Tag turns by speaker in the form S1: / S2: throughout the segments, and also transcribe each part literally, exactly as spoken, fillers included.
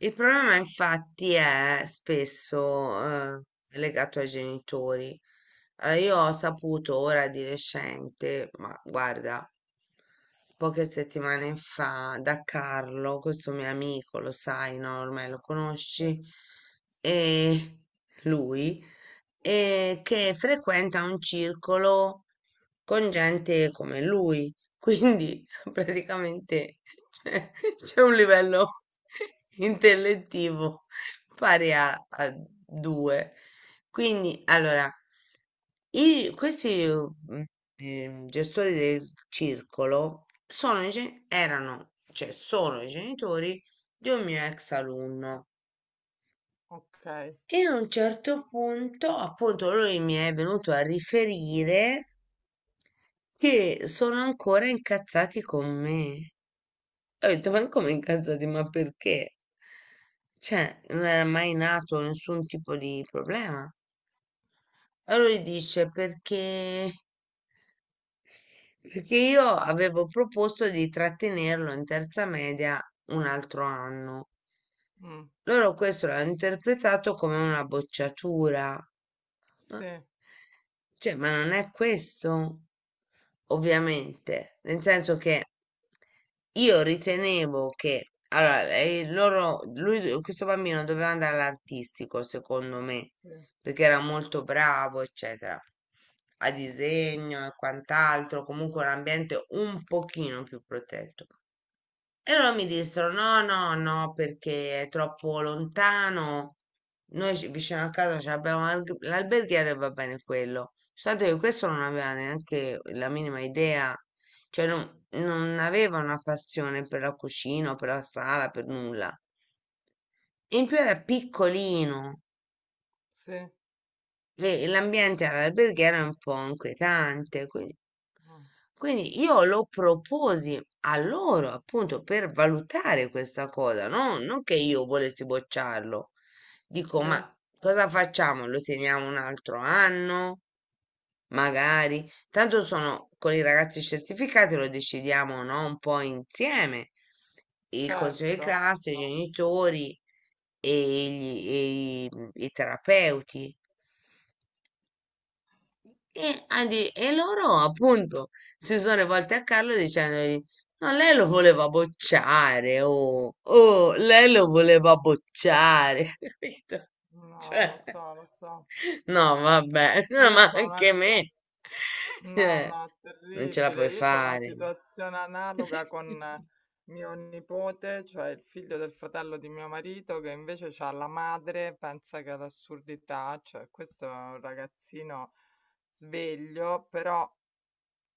S1: Il problema infatti è spesso eh, legato ai genitori. Allora, io ho saputo ora di recente, ma guarda, poche settimane fa da Carlo, questo mio amico, lo sai, no? Ormai lo
S2: Eh,
S1: conosci, e lui, e che frequenta un circolo con gente come lui. Quindi praticamente cioè, c'è un livello intellettivo pari a, a due. Quindi, allora, i- questi mm, eh, gestori del circolo sono i gen- erano, cioè sono i genitori di un mio ex alunno.
S2: okay.
S1: E a un certo punto, appunto, lui mi è venuto a riferire che sono ancora incazzati con me. E ho detto: "Ma come incazzati? Ma perché?" Cioè, non era mai nato nessun tipo di problema. Allora lui dice: "Perché perché io avevo proposto di trattenerlo in terza media un altro anno.
S2: Mh.
S1: Loro questo l'hanno interpretato come una bocciatura." Ma
S2: Sì,
S1: cioè, ma non è questo. Ovviamente, nel senso che io ritenevo che allora, eh, loro, lui, do- questo bambino doveva andare all'artistico, secondo me,
S2: sì,
S1: perché era molto bravo, eccetera, a disegno e quant'altro, comunque un ambiente un pochino più protetto. E loro mi dissero: no, no, no, perché è troppo lontano. Noi ci- vicino a casa ci abbiamo l'alg- l'alberghiere e va bene quello. Soltanto che questo non aveva neanche la minima idea, cioè non, non aveva una passione per la cucina, o per la sala, per nulla. In più era piccolino.
S2: sì,
S1: E l'ambiente all'alberghiera è un po' inquietante. Quindi,
S2: mh,
S1: quindi io lo proposi a loro appunto per valutare questa cosa, no? Non che io volessi bocciarlo. Dico, ma
S2: sì,
S1: cosa facciamo? Lo teniamo un altro anno? Magari. Tanto sono con i ragazzi certificati, lo decidiamo, no? Un po' insieme. Il consiglio di
S2: certo.
S1: classe, i genitori e, gli- e i i terapeuti. E, a di- e loro appunto si sono rivolti a Carlo dicendogli: No, lei lo voleva bocciare, oh, oh, lei lo voleva bocciare, capito?
S2: No, lo
S1: Cioè,
S2: so, lo so.
S1: no, vabbè, no,
S2: Io
S1: ma
S2: c'ho una
S1: anche
S2: situa
S1: me,
S2: No,
S1: cioè,
S2: no,
S1: non ce la
S2: terribile.
S1: puoi
S2: Io c'ho una
S1: fare.
S2: situazione analoga con eh, mio nipote, cioè il figlio del fratello di mio marito, che invece c'ha la madre, pensa che è l'assurdità, cioè questo è un ragazzino sveglio, però.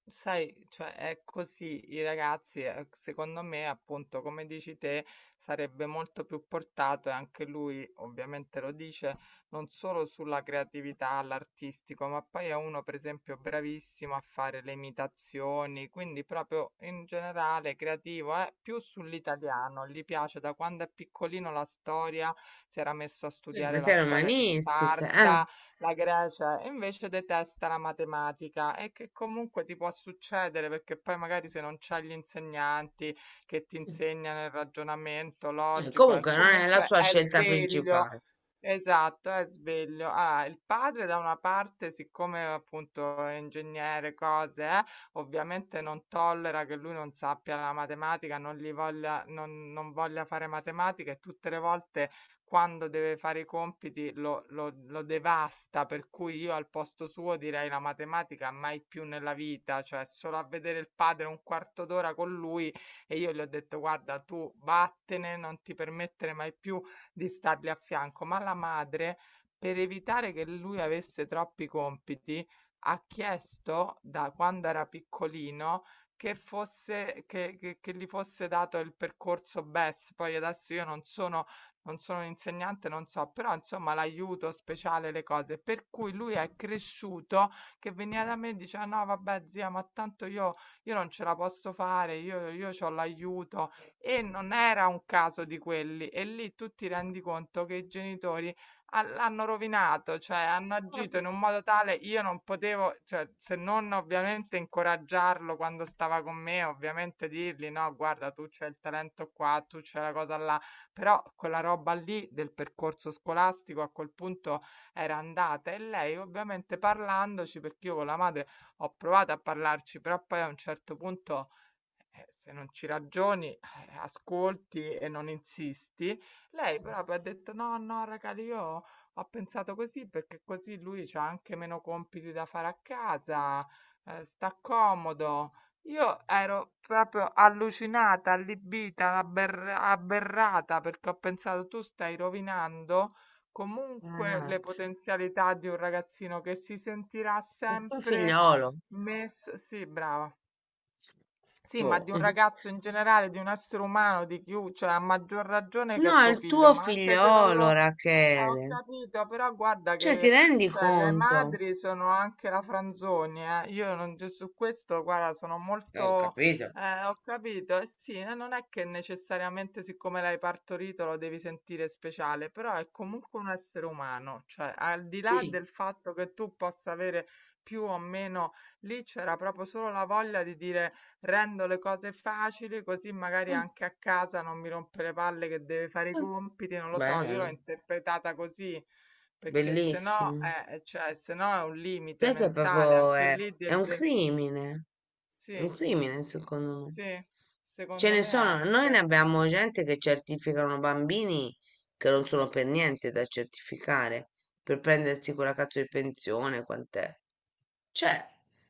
S2: Sai, cioè è così, i ragazzi, ehm, secondo me, appunto, come dici te, sarebbe molto più portato e anche lui ovviamente lo dice, non solo sulla creatività, all'artistico, ma poi è uno, per esempio, bravissimo a fare le imitazioni, quindi proprio in generale creativo, è più sull'italiano, gli piace da quando è piccolino la storia, si era messo a
S1: Eh, ma
S2: studiare la
S1: sei
S2: storia di
S1: romanistica, eh?
S2: Sparta, la Grecia, e invece detesta la matematica, e che comunque ti può succedere, perché poi magari se non c'hai gli insegnanti che ti insegnano il ragionamento
S1: Eh,
S2: logico, e
S1: Comunque non è la
S2: comunque
S1: sua
S2: è
S1: scelta
S2: sveglio.
S1: principale.
S2: Esatto, è sveglio. Ah, il padre da una parte, siccome appunto è ingegnere, cose, eh, ovviamente non tollera che lui non sappia la matematica, non gli voglia, non, non voglia fare matematica, e tutte le volte quando deve fare i compiti lo, lo- lo devasta, per cui io al posto suo direi la matematica mai più nella vita, cioè solo a vedere il padre un quarto d'ora con lui, e io gli ho detto: guarda, tu vattene, non ti permettere mai più di stargli a fianco. Ma la madre, per evitare che lui avesse troppi compiti, ha chiesto da quando era piccolino che fosse, che, che- che gli fosse dato il percorso B E S. Poi adesso io non sono, non sono un insegnante, non so, però insomma, l'aiuto speciale, le cose. Per cui lui è cresciuto che veniva da me e diceva: no, vabbè, zia, ma tanto io, io non ce la posso fare, io, io ho l'aiuto. E non era un caso di quelli, e lì tu ti rendi conto che i genitori ha- l'hanno rovinato, cioè hanno agito in un modo tale io non potevo, cioè, se non ovviamente incoraggiarlo quando stava con me, ovviamente dirgli: no, guarda, tu c'hai il talento qua, tu c'hai la cosa là, però quella roba lì del percorso scolastico a quel punto era andata. E lei ovviamente, parlandoci, perché io con la madre ho provato a parlarci, però poi a un certo punto eh, se non ci ragioni, eh, ascolti e non insisti. Lei proprio ha detto: no, no, raga, io ho pensato così perché così lui c'ha anche meno compiti da fare a casa, eh, sta comodo. Io ero proprio allucinata, allibita, aber- aberrata, perché ho pensato: tu stai rovinando comunque le
S1: Ragazzi,
S2: potenzialità di un ragazzino che si sentirà
S1: un
S2: sempre
S1: figliolo,
S2: messo. Sì, brava. Sì, ma
S1: boh.
S2: di un ragazzo in generale, di un essere umano, di chiu, cioè a maggior ragione che
S1: No,
S2: è
S1: è
S2: tuo
S1: il
S2: figlio,
S1: tuo
S2: ma anche se non
S1: figliolo,
S2: lo... Eh, ho
S1: Rachele.
S2: capito, però guarda
S1: Cioè, ti
S2: che
S1: rendi
S2: cioè, le
S1: conto?
S2: madri sono anche la franzonia, eh. Io non, cioè, su questo, guarda, sono
S1: Eh, Ho
S2: molto...
S1: capito.
S2: Eh, ho capito, eh sì, eh, non è che necessariamente siccome l'hai partorito lo devi sentire speciale, però è comunque un essere umano, cioè al di là
S1: Sì,
S2: del fatto che tu possa avere più o meno, lì c'era proprio solo la voglia di dire: rendo le cose facili, così magari
S1: mm,
S2: anche a casa non mi rompe le palle che deve fare i
S1: mm,
S2: compiti, non lo so, io l'ho
S1: bello,
S2: interpretata così, perché se no,
S1: bellissimo.
S2: eh, cioè, se no è un limite
S1: Questo è
S2: mentale
S1: proprio,
S2: anche
S1: è,
S2: lì
S1: è
S2: del
S1: un
S2: genere.
S1: crimine, un
S2: Sì,
S1: crimine secondo me.
S2: sì,
S1: Ce
S2: secondo
S1: ne
S2: me
S1: sono, noi ne
S2: anche.
S1: abbiamo gente che certificano bambini che non sono per niente da certificare, per prendersi quella cazzo di pensione, quant'è? Cioè,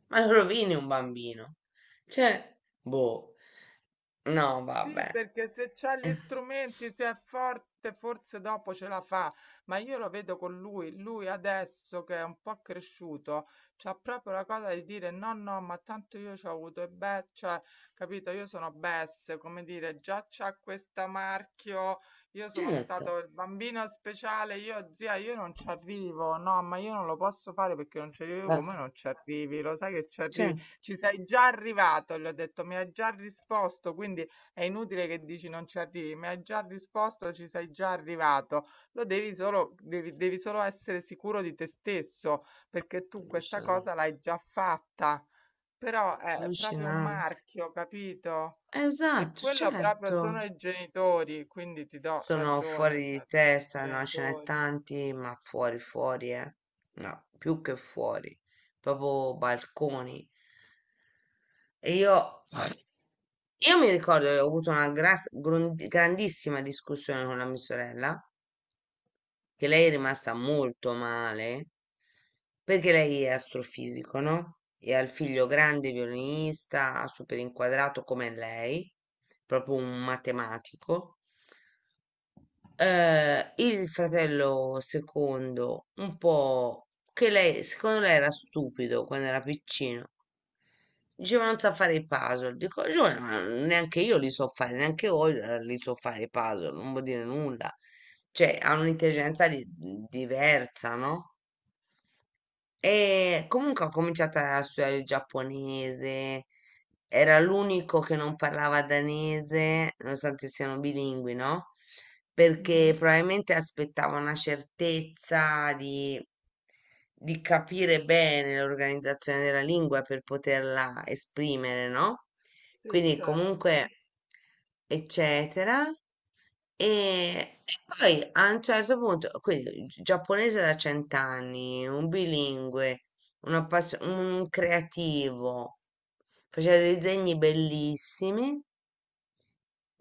S1: ma lo rovini un bambino. Cioè, boh. No,
S2: Sì,
S1: vabbè.
S2: perché se c'ha gli
S1: Eh,
S2: strumenti, se è forte, forse dopo ce la fa, ma io lo vedo con lui. Lui adesso che è un po' cresciuto, c'ha proprio la cosa di dire: no, no, ma tanto io ci ho avuto, e beh, cioè, capito, io sono Bess, come dire, già c'ha questo marchio, io sono
S1: Certo,
S2: stato il bambino speciale, io zia, io non ci arrivo. No, ma io non lo posso fare perché non ci arrivo.
S1: va
S2: Come non ci arrivi? Lo sai che ci arrivi,
S1: certo.
S2: ci sei già arrivato, gli ho detto, mi hai già risposto, quindi è inutile che dici non ci arrivi, mi hai già risposto, ci sei già arrivato. Lo devi solo, devi, devi solo essere sicuro di te stesso, perché tu questa
S1: Alluscinante,
S2: cosa l'hai già fatta. Però è proprio un
S1: allucinante.
S2: marchio, capito? E
S1: Esatto,
S2: quello proprio
S1: certo.
S2: sono i genitori, quindi ti do
S1: Sono
S2: ragione,
S1: fuori di
S2: cioè sono i
S1: testa, no, ce n'è
S2: genitori.
S1: tanti, ma fuori, fuori, eh. No, più che fuori, proprio balconi. E io, io mi ricordo che ho avuto una gras- grun- grandissima discussione con la mia sorella. Che lei è rimasta molto male perché lei è astrofisico, no? E ha il figlio grande violinista, super inquadrato come lei, proprio un matematico. Eh, il fratello secondo, un po' che lei, secondo lei era stupido quando era piccino. Diceva non sa fare i puzzle. Dico, Giulia, ma neanche io li so fare, neanche voi eh, li so fare i puzzle, non vuol dire nulla. Cioè, ha un'intelligenza di- diversa, no? E comunque ho cominciato a studiare il giapponese, era l'unico che non parlava danese, nonostante siano bilingui, no?
S2: Mhm.
S1: Perché probabilmente aspettava una certezza di, di capire bene l'organizzazione della lingua per poterla esprimere, no?
S2: Sì,
S1: Quindi comunque
S2: certo.
S1: eccetera. E e poi a un certo punto, quindi gi- giapponese da cent'anni, un bilingue, un, appassio- un creativo, faceva dei disegni bellissimi,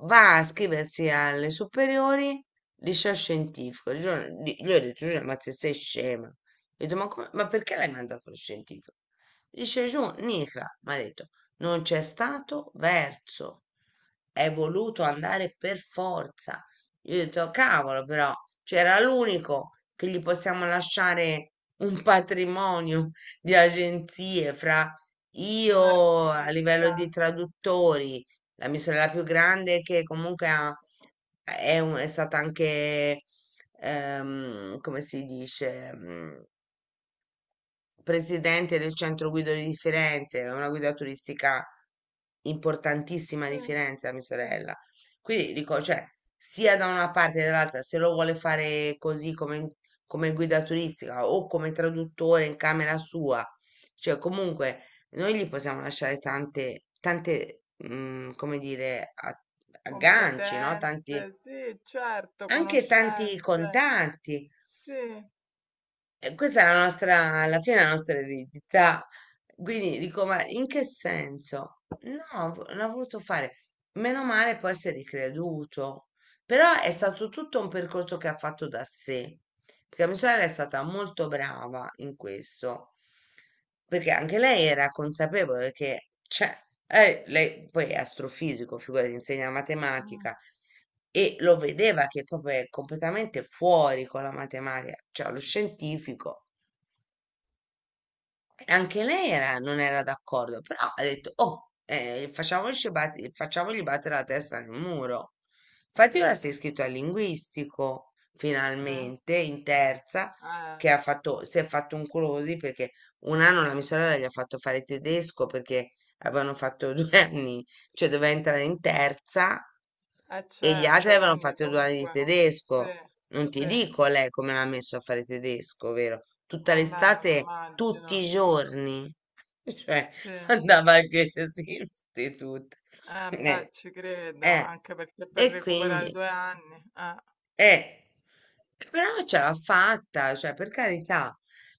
S1: va a iscriversi alle superiori, liceo scientifico. Il giorno- di- Gli ho detto, Giulia, ma se sei scema? Ho detto, ma, come- ma perché l'hai mandato allo scientifico? Dice giù, Nica, mi ha detto, non c'è stato verso, è voluto andare per forza. Io ho detto, cavolo, però c'era l'unico che gli possiamo lasciare un patrimonio di agenzie fra
S2: Un
S1: io a livello
S2: artista.
S1: di traduttori, la mia sorella più grande che comunque ha- è, un- è stata anche, ehm, come si dice, mm, presidente del centro guido di Firenze, è una guida turistica importantissima
S2: Sì,
S1: di Firenze, a mia
S2: sì.
S1: sorella. Quindi dico, cioè, sia da una parte che dall'altra, se lo vuole fare così come, come guida turistica o come traduttore in camera sua, cioè comunque noi gli possiamo lasciare tante, tante, mm, come dire, a- agganci, no? Tanti,
S2: Competenze, sì, certo,
S1: anche tanti
S2: conoscenze,
S1: contatti.
S2: sì,
S1: E questa è la nostra, alla fine è la nostra eredità. Quindi dico, ma in che senso? No, vo- non ha voluto fare. Meno male può essere creduto. Però è
S2: mm,
S1: stato tutto un percorso che ha fatto da sé. Perché mia sorella è stata molto brava in questo. Perché anche lei era consapevole che, cioè, eh, lei poi è astrofisico, figurati, insegna
S2: mm,
S1: matematica
S2: mm,
S1: e lo vedeva che proprio è completamente fuori con la matematica, cioè lo scientifico. E Anche lei era- non era d'accordo, però ha detto, oh, eh, facciamoci bat- facciamogli battere la testa nel muro.
S2: sì,
S1: Infatti ora si è iscritto al linguistico,
S2: sì,
S1: finalmente, in terza,
S2: eh,
S1: che ha fatto, si è fatto un colosi perché un anno la mia sorella gli ha fatto fare tedesco perché avevano fatto due anni, cioè doveva entrare in terza
S2: eh,
S1: e gli altri
S2: certo,
S1: avevano
S2: quindi
S1: fatto due anni di
S2: comunque, sì,
S1: tedesco. Non
S2: sì,
S1: ti dico lei come l'ha messo a fare tedesco, vero?
S2: a
S1: Tutta
S2: me me lo
S1: l'estate,
S2: immagino,
S1: tutti i giorni. Cioè,
S2: sì, eh,
S1: andava anche in istituto. Eh,
S2: beh, ci credo,
S1: eh.
S2: anche perché per
S1: E
S2: recuperare
S1: quindi,
S2: due anni, eh.
S1: eh, però ce l'ha fatta, cioè per carità.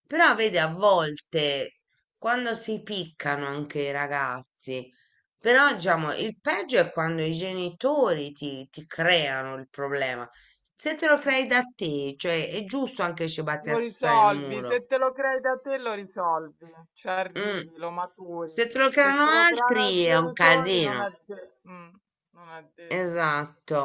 S1: Però vedi, a volte quando si piccano anche i ragazzi, però diciamo, il peggio è quando i genitori ti, ti creano il problema. Se te lo crei da te, cioè è giusto anche
S2: Lo
S1: cibattiazzare il
S2: risolvi,
S1: muro.
S2: se te lo crei da te lo risolvi, ci
S1: Mm.
S2: arrivi, lo
S1: Se
S2: maturi.
S1: te lo
S2: Se
S1: creano
S2: te lo creano i
S1: altri è un
S2: genitori non
S1: casino.
S2: è de- mm, non è detto.
S1: Esatto.